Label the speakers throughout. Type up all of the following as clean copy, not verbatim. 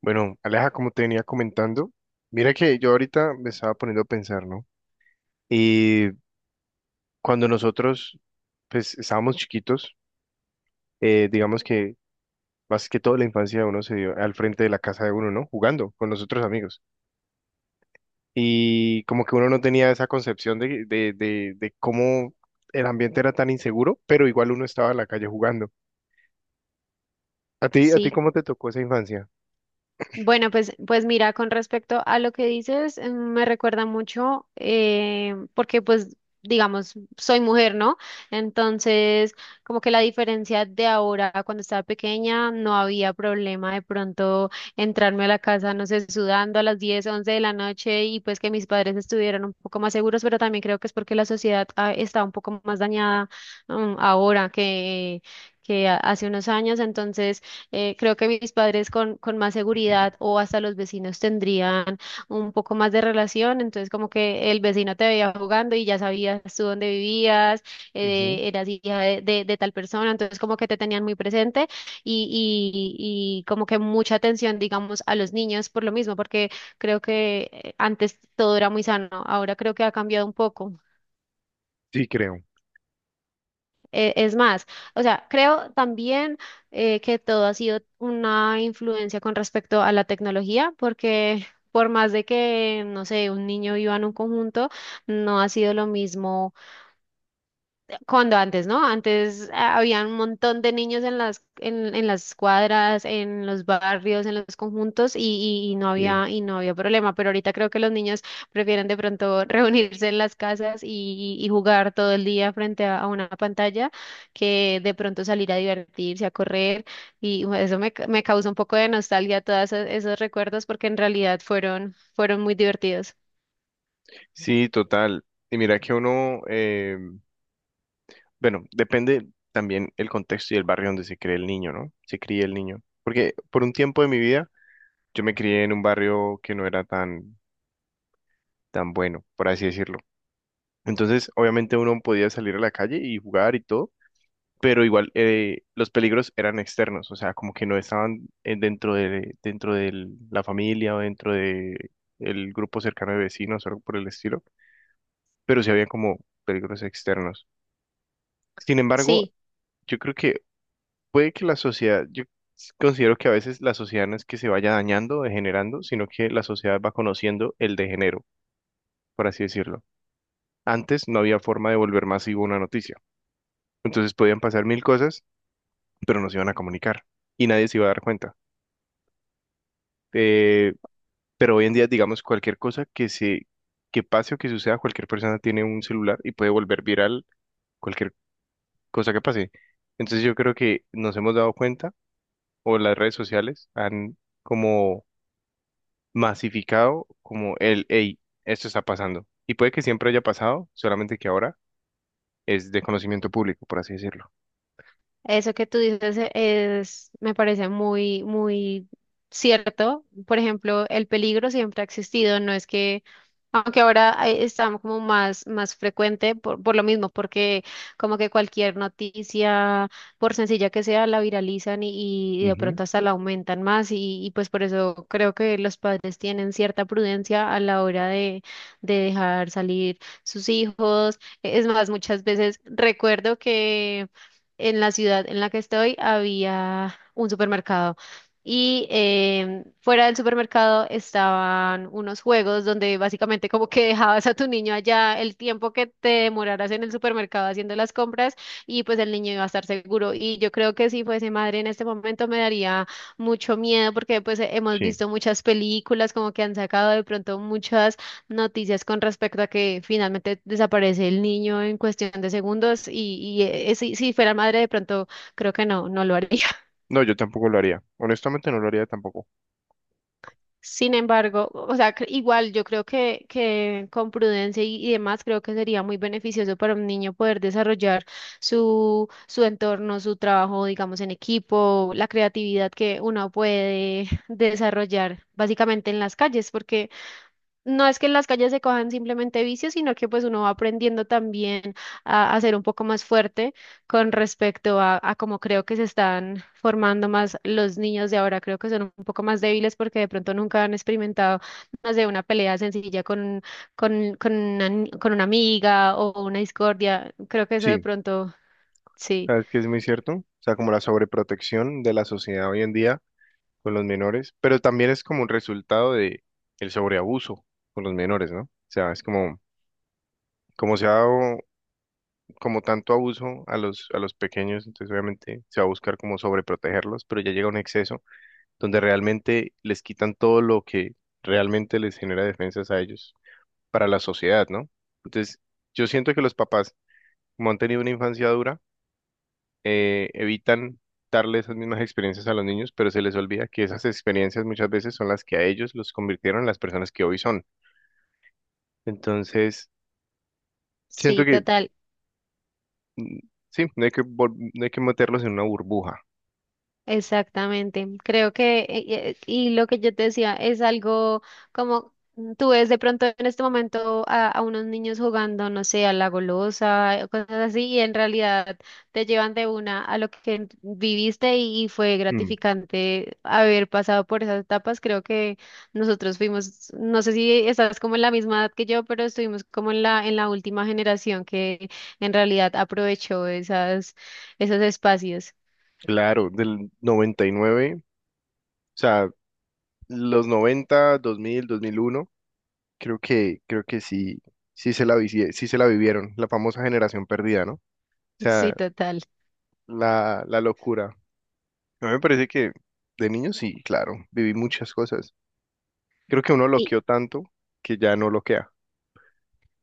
Speaker 1: Bueno, Aleja, como te venía comentando, mira que yo ahorita me estaba poniendo a pensar, ¿no? Y cuando nosotros, pues, estábamos chiquitos, digamos que más que todo la infancia de uno se dio al frente de la casa de uno, ¿no? Jugando con los otros amigos. Y como que uno no tenía esa concepción de cómo el ambiente era tan inseguro, pero igual uno estaba en la calle jugando. A ti
Speaker 2: Sí,
Speaker 1: cómo te tocó esa infancia?
Speaker 2: bueno, pues mira, con respecto a lo que dices, me recuerda mucho, porque pues, digamos, soy mujer, ¿no? Entonces, como que la diferencia de ahora a cuando estaba pequeña, no había problema de pronto entrarme a la casa, no sé, sudando a las 10, 11 de la noche, y pues que mis padres estuvieran un poco más seguros, pero también creo que es porque la sociedad está un poco más dañada ahora hace unos años. Entonces, creo que mis padres con más seguridad, o hasta los vecinos tendrían un poco más de relación, entonces como que el vecino te veía jugando y ya sabías tú dónde vivías,
Speaker 1: Ujú.
Speaker 2: eras hija de tal persona, entonces como que te tenían muy presente. Y como que mucha atención, digamos, a los niños, por lo mismo, porque creo que antes todo era muy sano, ahora creo que ha cambiado un poco.
Speaker 1: Sí, creo.
Speaker 2: Es más, o sea, creo también que todo ha sido una influencia con respecto a la tecnología, porque por más de que, no sé, un niño viva en un conjunto, no ha sido lo mismo cuando antes, ¿no? Antes había un montón de niños en las, en las cuadras, en los barrios, en los conjuntos,
Speaker 1: Sí.
Speaker 2: y no había problema. Pero ahorita creo que los niños prefieren de pronto reunirse en las casas y jugar todo el día frente a una pantalla, que de pronto salir a divertirse, a correr. Y bueno, eso me, me causa un poco de nostalgia, todos esos, esos recuerdos, porque en realidad fueron, fueron muy divertidos.
Speaker 1: Sí, total. Y mira que uno, bueno, depende también el contexto y el barrio donde se cree el niño, ¿no? Se cría el niño. Porque por un tiempo de mi vida yo me crié en un barrio que no era tan, tan bueno, por así decirlo. Entonces, obviamente uno podía salir a la calle y jugar y todo, pero igual los peligros eran externos, o sea, como que no estaban dentro de la familia o dentro de el grupo cercano de vecinos o algo por el estilo, pero sí había como peligros externos. Sin embargo,
Speaker 2: Sí.
Speaker 1: yo creo que puede que la sociedad, yo considero que a veces la sociedad no es que se vaya dañando, degenerando, sino que la sociedad va conociendo el degenero, por así decirlo. Antes no había forma de volver masivo una noticia. Entonces podían pasar mil cosas, pero no se iban a comunicar y nadie se iba a dar cuenta. Eh, pero hoy en día, digamos, cualquier cosa que pase o que suceda, cualquier persona tiene un celular y puede volver viral cualquier cosa que pase. Entonces yo creo que nos hemos dado cuenta, o las redes sociales han como masificado como el, hey, esto está pasando. Y puede que siempre haya pasado, solamente que ahora es de conocimiento público, por así decirlo.
Speaker 2: Eso que tú dices es, me parece muy, muy cierto. Por ejemplo, el peligro siempre ha existido. No es que, aunque ahora está como más, más frecuente por lo mismo, porque como que cualquier noticia, por sencilla que sea, la viralizan y de
Speaker 1: Ujú.
Speaker 2: pronto hasta la aumentan más, y pues por eso creo que los padres tienen cierta prudencia a la hora de dejar salir sus hijos. Es más, muchas veces recuerdo que en la ciudad en la que estoy había un supermercado. Y fuera del supermercado estaban unos juegos donde básicamente como que dejabas a tu niño allá el tiempo que te demoraras en el supermercado haciendo las compras, y pues el niño iba a estar seguro. Y yo creo que si fuese madre en este momento me daría mucho miedo, porque pues hemos
Speaker 1: Sí.
Speaker 2: visto muchas películas, como que han sacado de pronto muchas noticias con respecto a que finalmente desaparece el niño en cuestión de segundos. Si fuera madre, de pronto creo que no, no lo haría.
Speaker 1: No, yo tampoco lo haría. Honestamente no lo haría tampoco.
Speaker 2: Sin embargo, o sea, igual yo creo que con prudencia y demás, creo que sería muy beneficioso para un niño poder desarrollar su, su entorno, su trabajo, digamos, en equipo, la creatividad que uno puede desarrollar básicamente en las calles, porque no es que en las calles se cojan simplemente vicios, sino que pues uno va aprendiendo también a ser un poco más fuerte con respecto a cómo creo que se están formando más los niños de ahora. Creo que son un poco más débiles, porque de pronto nunca han experimentado más de una pelea sencilla con, con una, con una amiga, o una discordia. Creo que eso de
Speaker 1: Sí.
Speaker 2: pronto, sí,
Speaker 1: ¿Sabes que es muy cierto? O sea, como la sobreprotección de la sociedad hoy en día con los menores, pero también es como un resultado de el sobreabuso con los menores, ¿no? O sea, es como, como se ha dado como tanto abuso a los pequeños, entonces obviamente se va a buscar como sobreprotegerlos, pero ya llega un exceso donde realmente les quitan todo lo que realmente les genera defensas a ellos para la sociedad, ¿no? Entonces, yo siento que los papás, como han tenido una infancia dura, evitan darle esas mismas experiencias a los niños, pero se les olvida que esas experiencias muchas veces son las que a ellos los convirtieron en las personas que hoy son. Entonces, siento
Speaker 2: sí,
Speaker 1: que
Speaker 2: total.
Speaker 1: mm, sí, no hay que, no hay que meterlos en una burbuja.
Speaker 2: Exactamente, creo que, y lo que yo te decía, es algo como, tú ves de pronto en este momento a unos niños jugando, no sé, a la golosa, cosas así, y en realidad te llevan de una a lo que viviste, y fue
Speaker 1: Mm.
Speaker 2: gratificante haber pasado por esas etapas. Creo que nosotros fuimos, no sé si estás como en la misma edad que yo, pero estuvimos como en la última generación que en realidad aprovechó esas, esos espacios.
Speaker 1: Claro, del 99, o sea, los 90, 2000, 2001. Creo que sí, sí se la, sí se la vivieron, la famosa generación perdida, ¿no? O
Speaker 2: Sí,
Speaker 1: sea,
Speaker 2: total.
Speaker 1: la locura. A mí me parece que de niño sí, claro, viví muchas cosas. Creo que uno
Speaker 2: Y
Speaker 1: loqueó tanto que ya no loquea.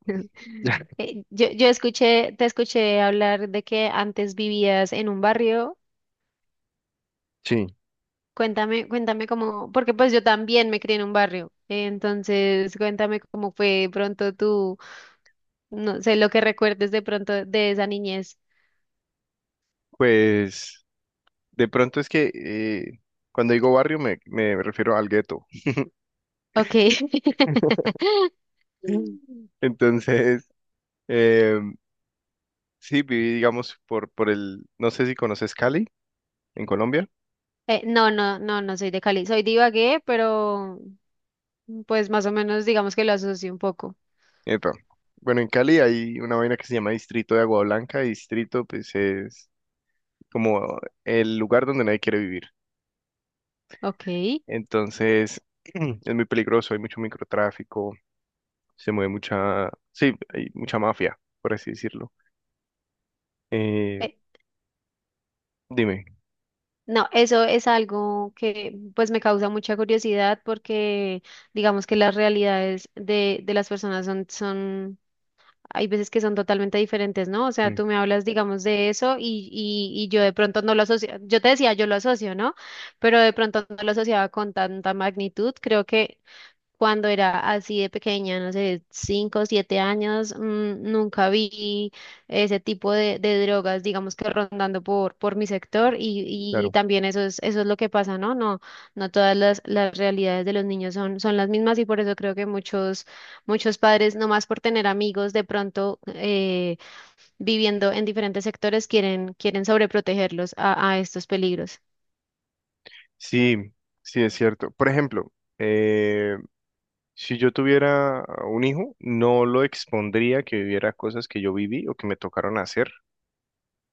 Speaker 1: Ya.
Speaker 2: yo escuché, te escuché hablar de que antes vivías en un barrio.
Speaker 1: Sí,
Speaker 2: Cuéntame, cuéntame cómo, porque pues yo también me crié en un barrio. Entonces, cuéntame cómo fue de pronto tú, no sé, lo que recuerdes de pronto de esa niñez.
Speaker 1: pues de pronto es que cuando digo barrio me, me refiero al gueto.
Speaker 2: Ok.
Speaker 1: Entonces, em, sí, viví, digamos, por el, no sé si conoces Cali, en Colombia.
Speaker 2: No, no, no, no soy de Cali. Soy de Ibagué, pero pues más o menos digamos que lo asocio un poco.
Speaker 1: Epa. Bueno, en Cali hay una vaina que se llama Distrito de Agua Blanca. Y Distrito, pues, es como el lugar donde nadie quiere vivir.
Speaker 2: Ok.
Speaker 1: Entonces, es muy peligroso, hay mucho microtráfico, se mueve mucha, sí, hay mucha mafia, por así decirlo. Eh, dime.
Speaker 2: No, eso es algo que pues me causa mucha curiosidad, porque digamos que las realidades de las personas son, son, hay veces que son totalmente diferentes, ¿no? O sea,
Speaker 1: Mm,
Speaker 2: tú me hablas, digamos, de eso, y yo de pronto no lo asocio, yo te decía, yo lo asocio, ¿no? Pero de pronto no lo asociaba con tanta magnitud. Creo que cuando era así de pequeña, no sé, 5 o 7 años, nunca vi ese tipo de drogas, digamos que rondando por mi sector, y
Speaker 1: claro.
Speaker 2: también eso es lo que pasa, ¿no? No, no todas las realidades de los niños son, son las mismas, y por eso creo que muchos, muchos padres, nomás por tener amigos de pronto viviendo en diferentes sectores, quieren, quieren sobreprotegerlos a estos peligros.
Speaker 1: Sí, sí, es cierto. Por ejemplo, eh, si yo tuviera a un hijo, no lo expondría que viviera cosas que yo viví o que me tocaron hacer,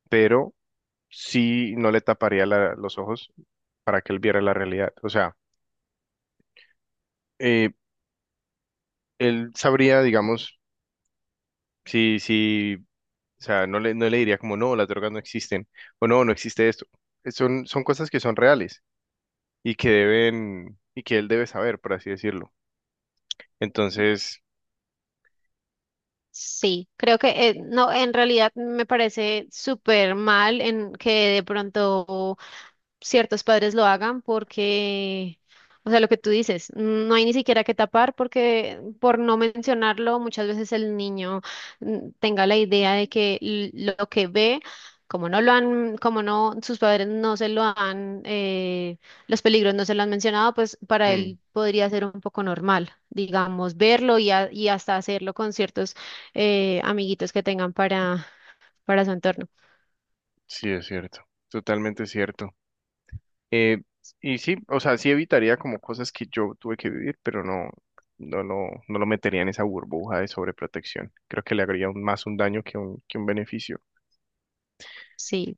Speaker 1: pero sí no le taparía los ojos para que él viera la realidad. O sea, eh, él sabría, digamos, si, si, o sea, no le, no le diría como, no, las drogas no existen, o no, no existe esto. Son, son cosas que son reales y que deben, y que él debe saber, por así decirlo. Entonces,
Speaker 2: Sí, creo que no, en realidad me parece súper mal en que de pronto ciertos padres lo hagan, porque, o sea, lo que tú dices, no hay ni siquiera que tapar, porque, por no mencionarlo, muchas veces el niño tenga la idea de que lo que ve, como no lo han, como no, sus padres no se lo han, los peligros no se lo han mencionado, pues para
Speaker 1: mm,
Speaker 2: él podría ser un poco normal, digamos, verlo, y hasta hacerlo con ciertos amiguitos que tengan para su entorno.
Speaker 1: sí es cierto, totalmente cierto. Eh, y sí, o sea, sí evitaría como cosas que yo tuve que vivir, pero no, no lo, no lo metería en esa burbuja de sobreprotección. Creo que le haría más un daño que un beneficio.
Speaker 2: Sí.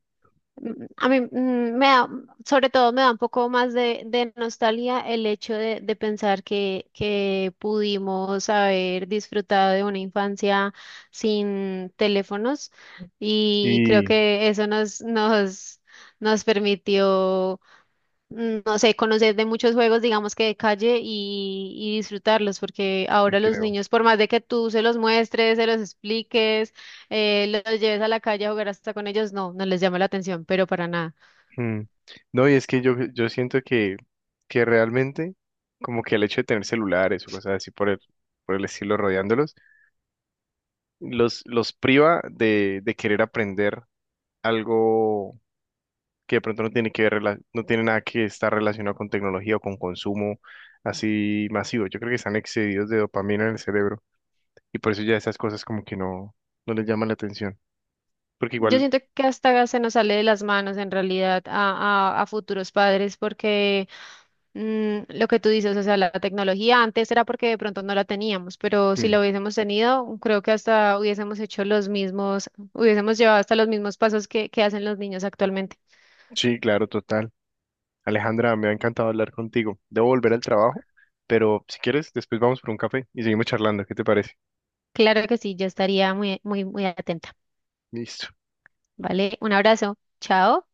Speaker 2: A mí me da, sobre todo me da un poco más de nostalgia, el hecho de pensar que pudimos haber disfrutado de una infancia sin teléfonos, y creo
Speaker 1: Sí,
Speaker 2: que eso nos, nos, nos permitió no sé, conocer de muchos juegos, digamos que de calle, y disfrutarlos, porque
Speaker 1: sí
Speaker 2: ahora los
Speaker 1: creo.
Speaker 2: niños, por más de que tú se los muestres, se los expliques, los lleves a la calle a jugar hasta con ellos, no, no les llama la atención, pero para nada.
Speaker 1: Mm. No, y es que yo siento que realmente, como que el hecho de tener celulares o cosas así por el estilo rodeándolos, los priva de querer aprender algo que de pronto no tiene que ver, no tiene nada que estar relacionado con tecnología o con consumo así masivo. Yo creo que están excedidos de dopamina en el cerebro y por eso ya esas cosas como que no, no les llaman la atención. Porque
Speaker 2: Yo
Speaker 1: igual,
Speaker 2: siento que hasta se nos sale de las manos en realidad a, a futuros padres, porque lo que tú dices, o sea, la tecnología antes era porque de pronto no la teníamos, pero si
Speaker 1: mm,
Speaker 2: la hubiésemos tenido, creo que hasta hubiésemos hecho los mismos, hubiésemos llevado hasta los mismos pasos que hacen los niños actualmente.
Speaker 1: sí, claro, total. Alejandra, me ha encantado hablar contigo. Debo volver al trabajo, pero si quieres, después vamos por un café y seguimos charlando. ¿Qué te parece?
Speaker 2: Claro que sí, yo estaría muy, muy, muy atenta.
Speaker 1: Listo.
Speaker 2: ¿Vale? Un abrazo. Chao.